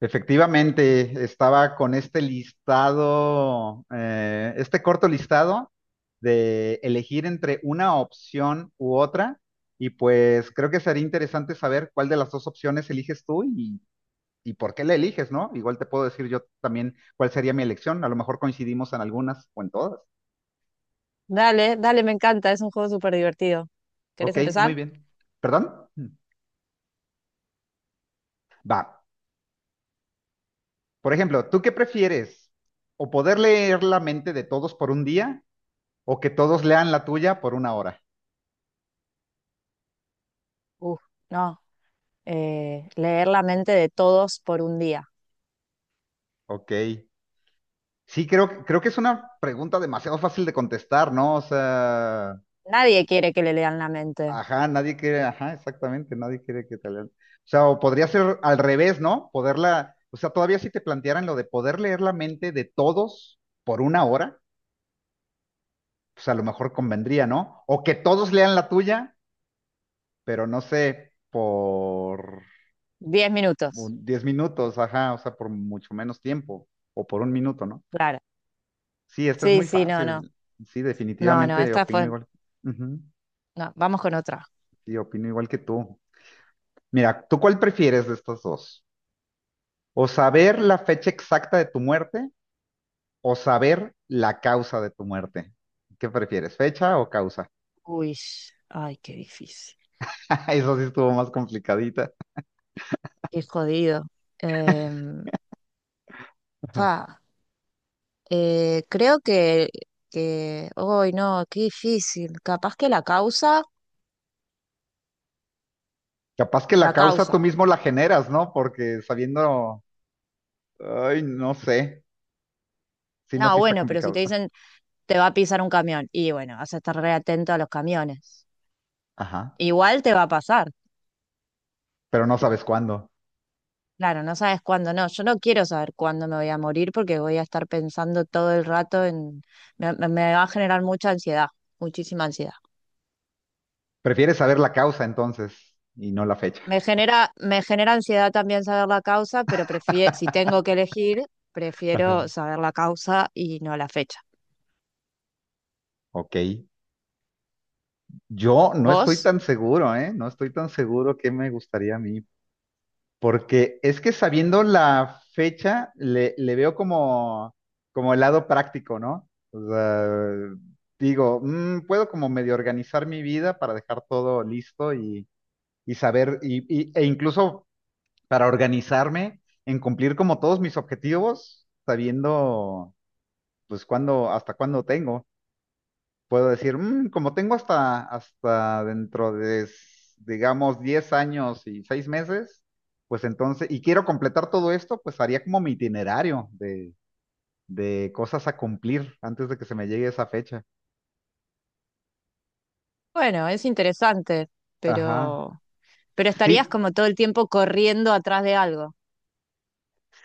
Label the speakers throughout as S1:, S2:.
S1: Efectivamente, estaba con este listado, este corto listado de elegir entre una opción u otra, y pues creo que sería interesante saber cuál de las dos opciones eliges tú y por qué la eliges, ¿no? Igual te puedo decir yo también cuál sería mi elección, a lo mejor coincidimos en algunas o en todas.
S2: Dale, dale, me encanta, es un juego súper divertido. ¿Querés
S1: Ok, muy
S2: empezar?
S1: bien. ¿Perdón? Va. Por ejemplo, ¿tú qué prefieres? ¿O poder leer la mente de todos por un día o que todos lean la tuya por una hora?
S2: Uf, no. Leer la mente de todos por un día.
S1: Ok. Sí, creo que es una pregunta demasiado fácil de contestar, ¿no? O sea,
S2: Nadie quiere que le lean la mente.
S1: ajá, nadie quiere, ajá, exactamente, nadie quiere que te lean. O sea, o podría ser al revés, ¿no? Poderla, o sea, todavía si te plantearan lo de poder leer la mente de todos por una hora, pues a lo mejor convendría, ¿no? O que todos lean la tuya, pero no sé, por
S2: 10 minutos.
S1: 10 minutos, ajá, o sea, por mucho menos tiempo, o por un minuto, ¿no?
S2: Claro.
S1: Sí, esta es
S2: Sí,
S1: muy
S2: sí, no, no.
S1: fácil. Sí,
S2: No, no,
S1: definitivamente
S2: esta
S1: opino
S2: fue.
S1: igual. Ujú.
S2: No, vamos con otra.
S1: Sí, opino igual que tú. Mira, ¿tú cuál prefieres de estos dos? ¿O saber la fecha exacta de tu muerte o saber la causa de tu muerte? ¿Qué prefieres, fecha o causa?
S2: Uy, ay, qué difícil.
S1: Eso sí estuvo más complicadita.
S2: Qué jodido. Em, fa, Creo hoy no, qué difícil. Capaz que la causa,
S1: Capaz que la
S2: la
S1: causa tú
S2: causa.
S1: mismo la generas, ¿no? Porque sabiendo, ay, no sé. Sí, no,
S2: No,
S1: sí está
S2: bueno, pero si
S1: complicado.
S2: te dicen te va a pisar un camión. Y bueno, vas a estar re atento a los camiones.
S1: Ajá,
S2: Igual te va a pasar.
S1: pero no sabes cuándo.
S2: Claro, no sabes cuándo no. Yo no quiero saber cuándo me voy a morir porque voy a estar pensando todo el rato en... Me va a generar mucha ansiedad, muchísima ansiedad.
S1: Prefieres saber la causa entonces y no la fecha.
S2: Me genera ansiedad también saber la causa, pero prefiero, si tengo que elegir, prefiero saber la causa y no la fecha.
S1: Ok, yo no estoy
S2: ¿Vos?
S1: tan seguro, ¿eh? No estoy tan seguro qué me gustaría a mí, porque es que sabiendo la fecha, le veo como, como el lado práctico, ¿no? O sea, digo, puedo como medio organizar mi vida para dejar todo listo y saber, e incluso para organizarme en cumplir como todos mis objetivos, sabiendo pues cuándo, hasta cuándo tengo. Puedo decir, "Como tengo hasta dentro de, digamos, 10 años y 6 meses, pues entonces, y quiero completar todo esto, pues haría como mi itinerario de cosas a cumplir antes de que se me llegue esa fecha."
S2: Bueno, es interesante,
S1: Ajá.
S2: pero, pero estarías
S1: Sí,
S2: como todo el tiempo corriendo atrás de algo.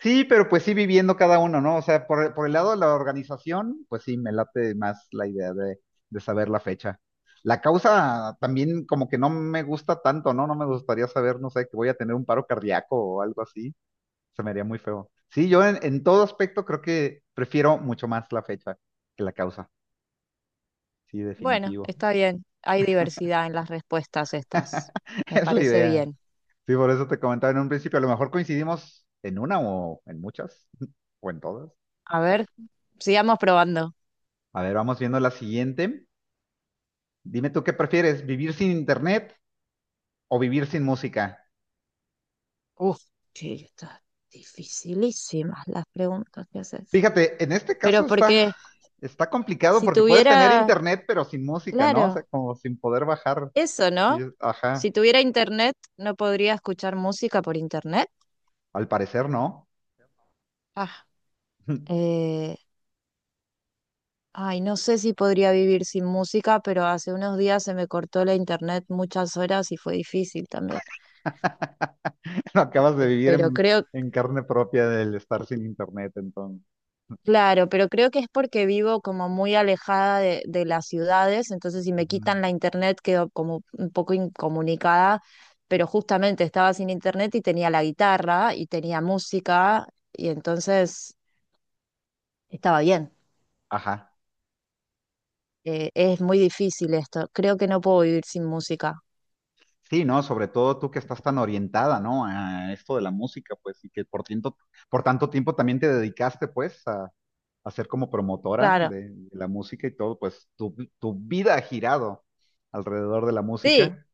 S1: sí, pero pues sí viviendo cada uno, ¿no? O sea, por el lado de la organización, pues sí, me late más la idea de, saber la fecha. La causa también como que no me gusta tanto, ¿no? No me gustaría saber, no sé, que voy a tener un paro cardíaco o algo así. Se me haría muy feo. Sí, yo en todo aspecto creo que prefiero mucho más la fecha que la causa. Sí,
S2: Bueno,
S1: definitivo.
S2: está bien. Hay diversidad en las respuestas estas. Me
S1: Es la
S2: parece
S1: idea.
S2: bien.
S1: Sí, por eso te comentaba en un principio, a lo mejor coincidimos en una o en muchas o en todas.
S2: A ver, sigamos probando.
S1: A ver, vamos viendo la siguiente. Dime tú qué prefieres, vivir sin internet o vivir sin música.
S2: Uf, sí, están dificilísimas las preguntas que haces.
S1: Fíjate, en este
S2: Pero
S1: caso está,
S2: porque
S1: está complicado
S2: si
S1: porque puedes tener
S2: tuviera,
S1: internet pero sin música, ¿no? O sea,
S2: claro,
S1: como sin poder bajar.
S2: eso, ¿no?
S1: Ajá,
S2: Si tuviera internet, ¿no podría escuchar música por internet?
S1: al parecer no.
S2: Ah, eh, ay, no sé si podría vivir sin música, pero hace unos días se me cortó la internet muchas horas y fue difícil también.
S1: Lo acabas de vivir
S2: Pero
S1: en,
S2: creo,
S1: en carne propia del estar sin internet, entonces.
S2: claro, pero creo que es porque vivo como muy alejada de las ciudades, entonces si me quitan
S1: Ujú.
S2: la internet quedo como un poco incomunicada, pero justamente estaba sin internet y tenía la guitarra y tenía música y entonces estaba bien.
S1: Ajá.
S2: Es muy difícil esto, creo que no puedo vivir sin música.
S1: Sí, ¿no? Sobre todo tú que estás tan orientada, ¿no? A esto de la música, pues, y que por tiempo, por tanto tiempo también te dedicaste, pues, a, ser como promotora
S2: Claro,
S1: de la música y todo, pues, tu vida ha girado alrededor de la
S2: sí,
S1: música.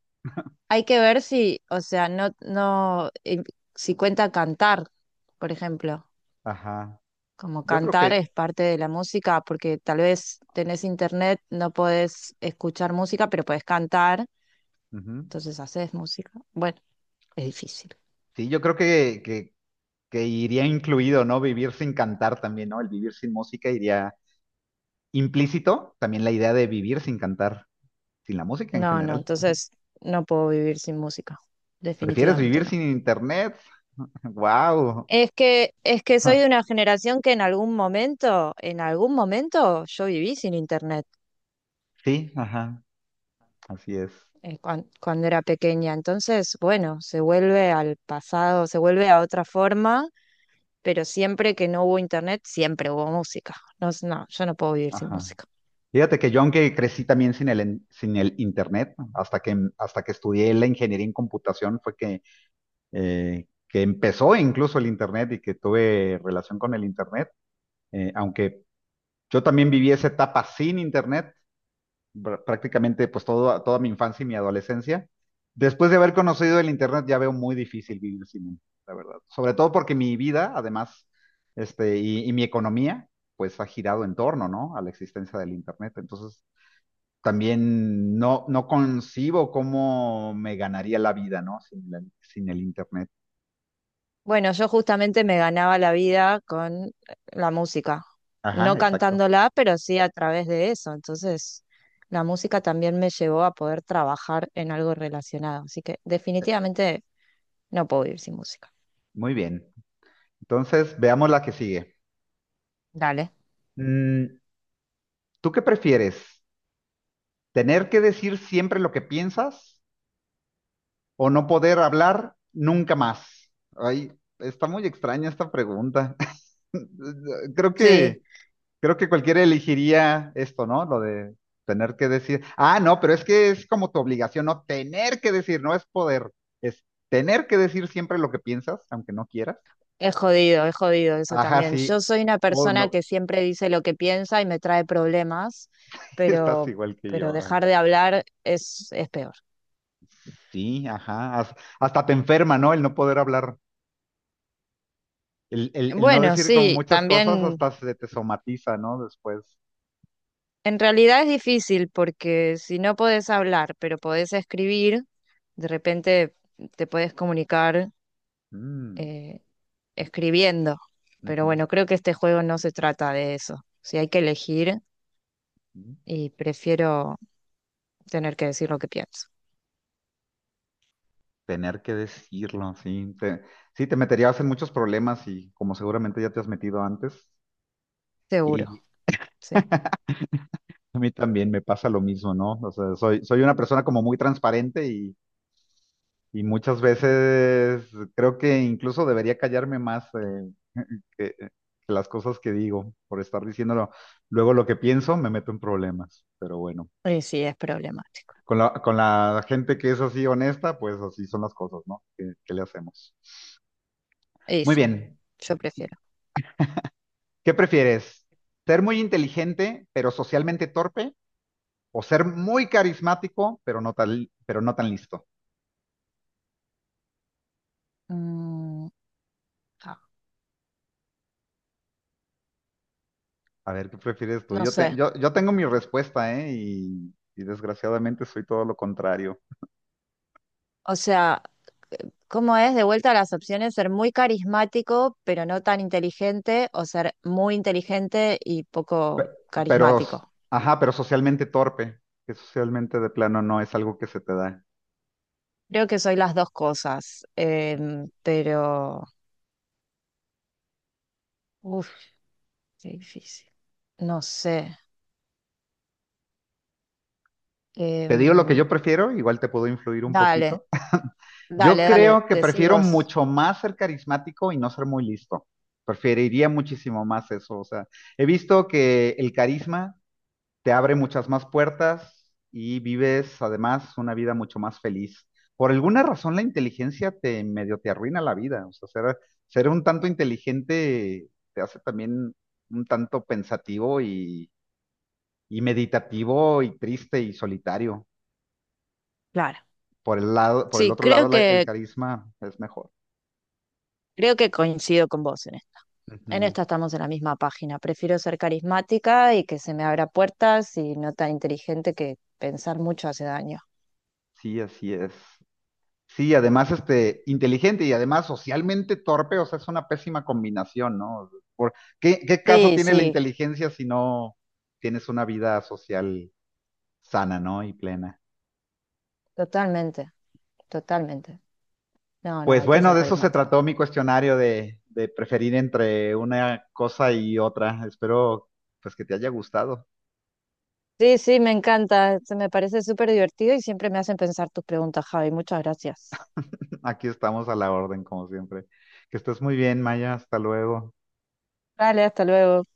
S2: hay que ver si, o sea, no, no, si cuenta cantar, por ejemplo.
S1: Ajá.
S2: Como
S1: Yo creo
S2: cantar es
S1: que,
S2: parte de la música, porque tal vez tenés internet, no podés escuchar música, pero podés cantar,
S1: ujú.
S2: entonces haces música. Bueno, es difícil.
S1: Sí, yo creo que iría incluido, ¿no? Vivir sin cantar también, ¿no? El vivir sin música iría implícito también la idea de vivir sin cantar, sin la música en
S2: No, no,
S1: general.
S2: entonces no puedo vivir sin música,
S1: ¿Prefieres
S2: definitivamente
S1: vivir
S2: no.
S1: sin internet? ¡Wow!
S2: Es que soy de una generación que en algún momento yo viví sin internet
S1: Sí, ajá, así es.
S2: cuando era pequeña. Entonces, bueno, se vuelve al pasado, se vuelve a otra forma pero siempre que no hubo internet, siempre hubo música. No, no, yo no puedo vivir sin
S1: Ajá.
S2: música.
S1: Fíjate que yo, aunque crecí también sin el internet, hasta que estudié la ingeniería en computación, fue que empezó incluso el internet y que tuve relación con el internet. Aunque yo también viví esa etapa sin internet, prácticamente pues todo, toda mi infancia y mi adolescencia. Después de haber conocido el internet ya veo muy difícil vivir sin él, la verdad. Sobre todo porque mi vida, además, y mi economía, pues ha girado en torno, ¿no? A la existencia del internet. Entonces, también no, no concibo cómo me ganaría la vida, ¿no? Sin el internet.
S2: Bueno, yo justamente me ganaba la vida con la música,
S1: Ajá,
S2: no
S1: exacto.
S2: cantándola, pero sí a través de eso. Entonces, la música también me llevó a poder trabajar en algo relacionado. Así que definitivamente no puedo vivir sin música.
S1: Muy bien. Entonces, veamos la que sigue.
S2: Dale.
S1: Mm, ¿Tú qué prefieres? ¿Tener que decir siempre lo que piensas o no poder hablar nunca más? Ay, está muy extraña esta pregunta. Creo
S2: Sí.
S1: que, creo que cualquiera elegiría esto, ¿no? Lo de tener que decir. Ah, no, pero es que es como tu obligación, no tener que decir, no es poder, es tener que decir siempre lo que piensas, aunque no quieras.
S2: Es jodido eso
S1: Ajá,
S2: también.
S1: sí.
S2: Yo soy una
S1: Oh,
S2: persona
S1: no,
S2: que siempre dice lo que piensa y me trae problemas,
S1: estás
S2: pero,
S1: igual que
S2: pero
S1: yo. Ah,
S2: dejar de hablar es peor.
S1: sí, ajá. Hasta te enferma, ¿no? El, no poder hablar. El no
S2: Bueno,
S1: decir como
S2: sí,
S1: muchas cosas
S2: también
S1: hasta se te somatiza, ¿no? Después.
S2: en realidad es difícil porque si no podés hablar, pero podés escribir, de repente te podés comunicar
S1: Mm,
S2: eh, escribiendo. Pero
S1: ujú,
S2: bueno, creo que este juego no se trata de eso. Si hay que elegir
S1: ujú.
S2: y prefiero tener que decir lo que pienso.
S1: Tener que decirlo, sí. Sí, te meterías en muchos problemas y como seguramente ya te has metido antes.
S2: Seguro,
S1: Y
S2: sí.
S1: a mí también me pasa lo mismo, ¿no? O sea, soy una persona como muy transparente y muchas veces creo que incluso debería callarme más que las cosas que digo por estar diciéndolo. Luego lo que pienso me meto en problemas, pero bueno.
S2: Y sí, es problemático.
S1: Con la gente que es así honesta, pues así son las cosas, ¿no? ¿Qué le hacemos?
S2: Y
S1: Muy
S2: sí,
S1: bien.
S2: yo prefiero.
S1: ¿Qué prefieres? ¿Ser muy inteligente pero socialmente torpe? ¿O ser muy carismático pero no tan listo?
S2: Mm, ah,
S1: A ver, ¿qué prefieres tú?
S2: no
S1: Yo, te-
S2: sé.
S1: yo, yo tengo mi respuesta, ¿eh? Y desgraciadamente soy todo lo contrario.
S2: O sea, ¿cómo es de vuelta a las opciones? Ser muy carismático, pero no tan inteligente, o ser muy inteligente y poco
S1: Pero, s-
S2: carismático.
S1: ajá, pero socialmente torpe, que socialmente de plano no es algo que se te da.
S2: Creo que soy las dos cosas, pero... Uf, qué difícil. No sé.
S1: Te digo lo que
S2: Em,
S1: yo prefiero, igual te puedo influir un
S2: Dale,
S1: poquito. Yo
S2: dale, dale,
S1: creo que
S2: decí
S1: prefiero
S2: vos.
S1: mucho más ser carismático y no ser muy listo. Preferiría muchísimo más eso. O sea, he visto que el carisma te abre muchas más puertas y vives además una vida mucho más feliz. Por alguna razón la inteligencia te medio te arruina la vida. O sea, ser un tanto inteligente te hace también un tanto pensativo y meditativo y triste y solitario.
S2: Claro.
S1: Por el lado, por el
S2: Sí,
S1: otro lado, el carisma es mejor.
S2: creo que coincido con vos en esto. En
S1: Ujú.
S2: esta estamos en la misma página. Prefiero ser carismática y que se me abra puertas y no tan inteligente que pensar mucho hace daño.
S1: Sí, así es. Sí, además, inteligente y además socialmente torpe, o sea, es una pésima combinación, ¿no? Por- qué caso
S2: Sí,
S1: tiene la
S2: sí,
S1: inteligencia si no tienes una vida social sana, ¿no? Y plena.
S2: totalmente, totalmente. No, no,
S1: Pues
S2: hay que
S1: bueno,
S2: ser
S1: de eso se
S2: carismático.
S1: trató mi cuestionario de, preferir entre una cosa y otra. Espero, pues, que te haya gustado.
S2: Sí, sí, me encanta. Se me parece súper divertido y siempre me hacen pensar tus preguntas, Javi. Muchas gracias.
S1: Aquí estamos a la orden, como siempre. Que estés muy bien, Maya. Hasta luego.
S2: Vale, hasta luego.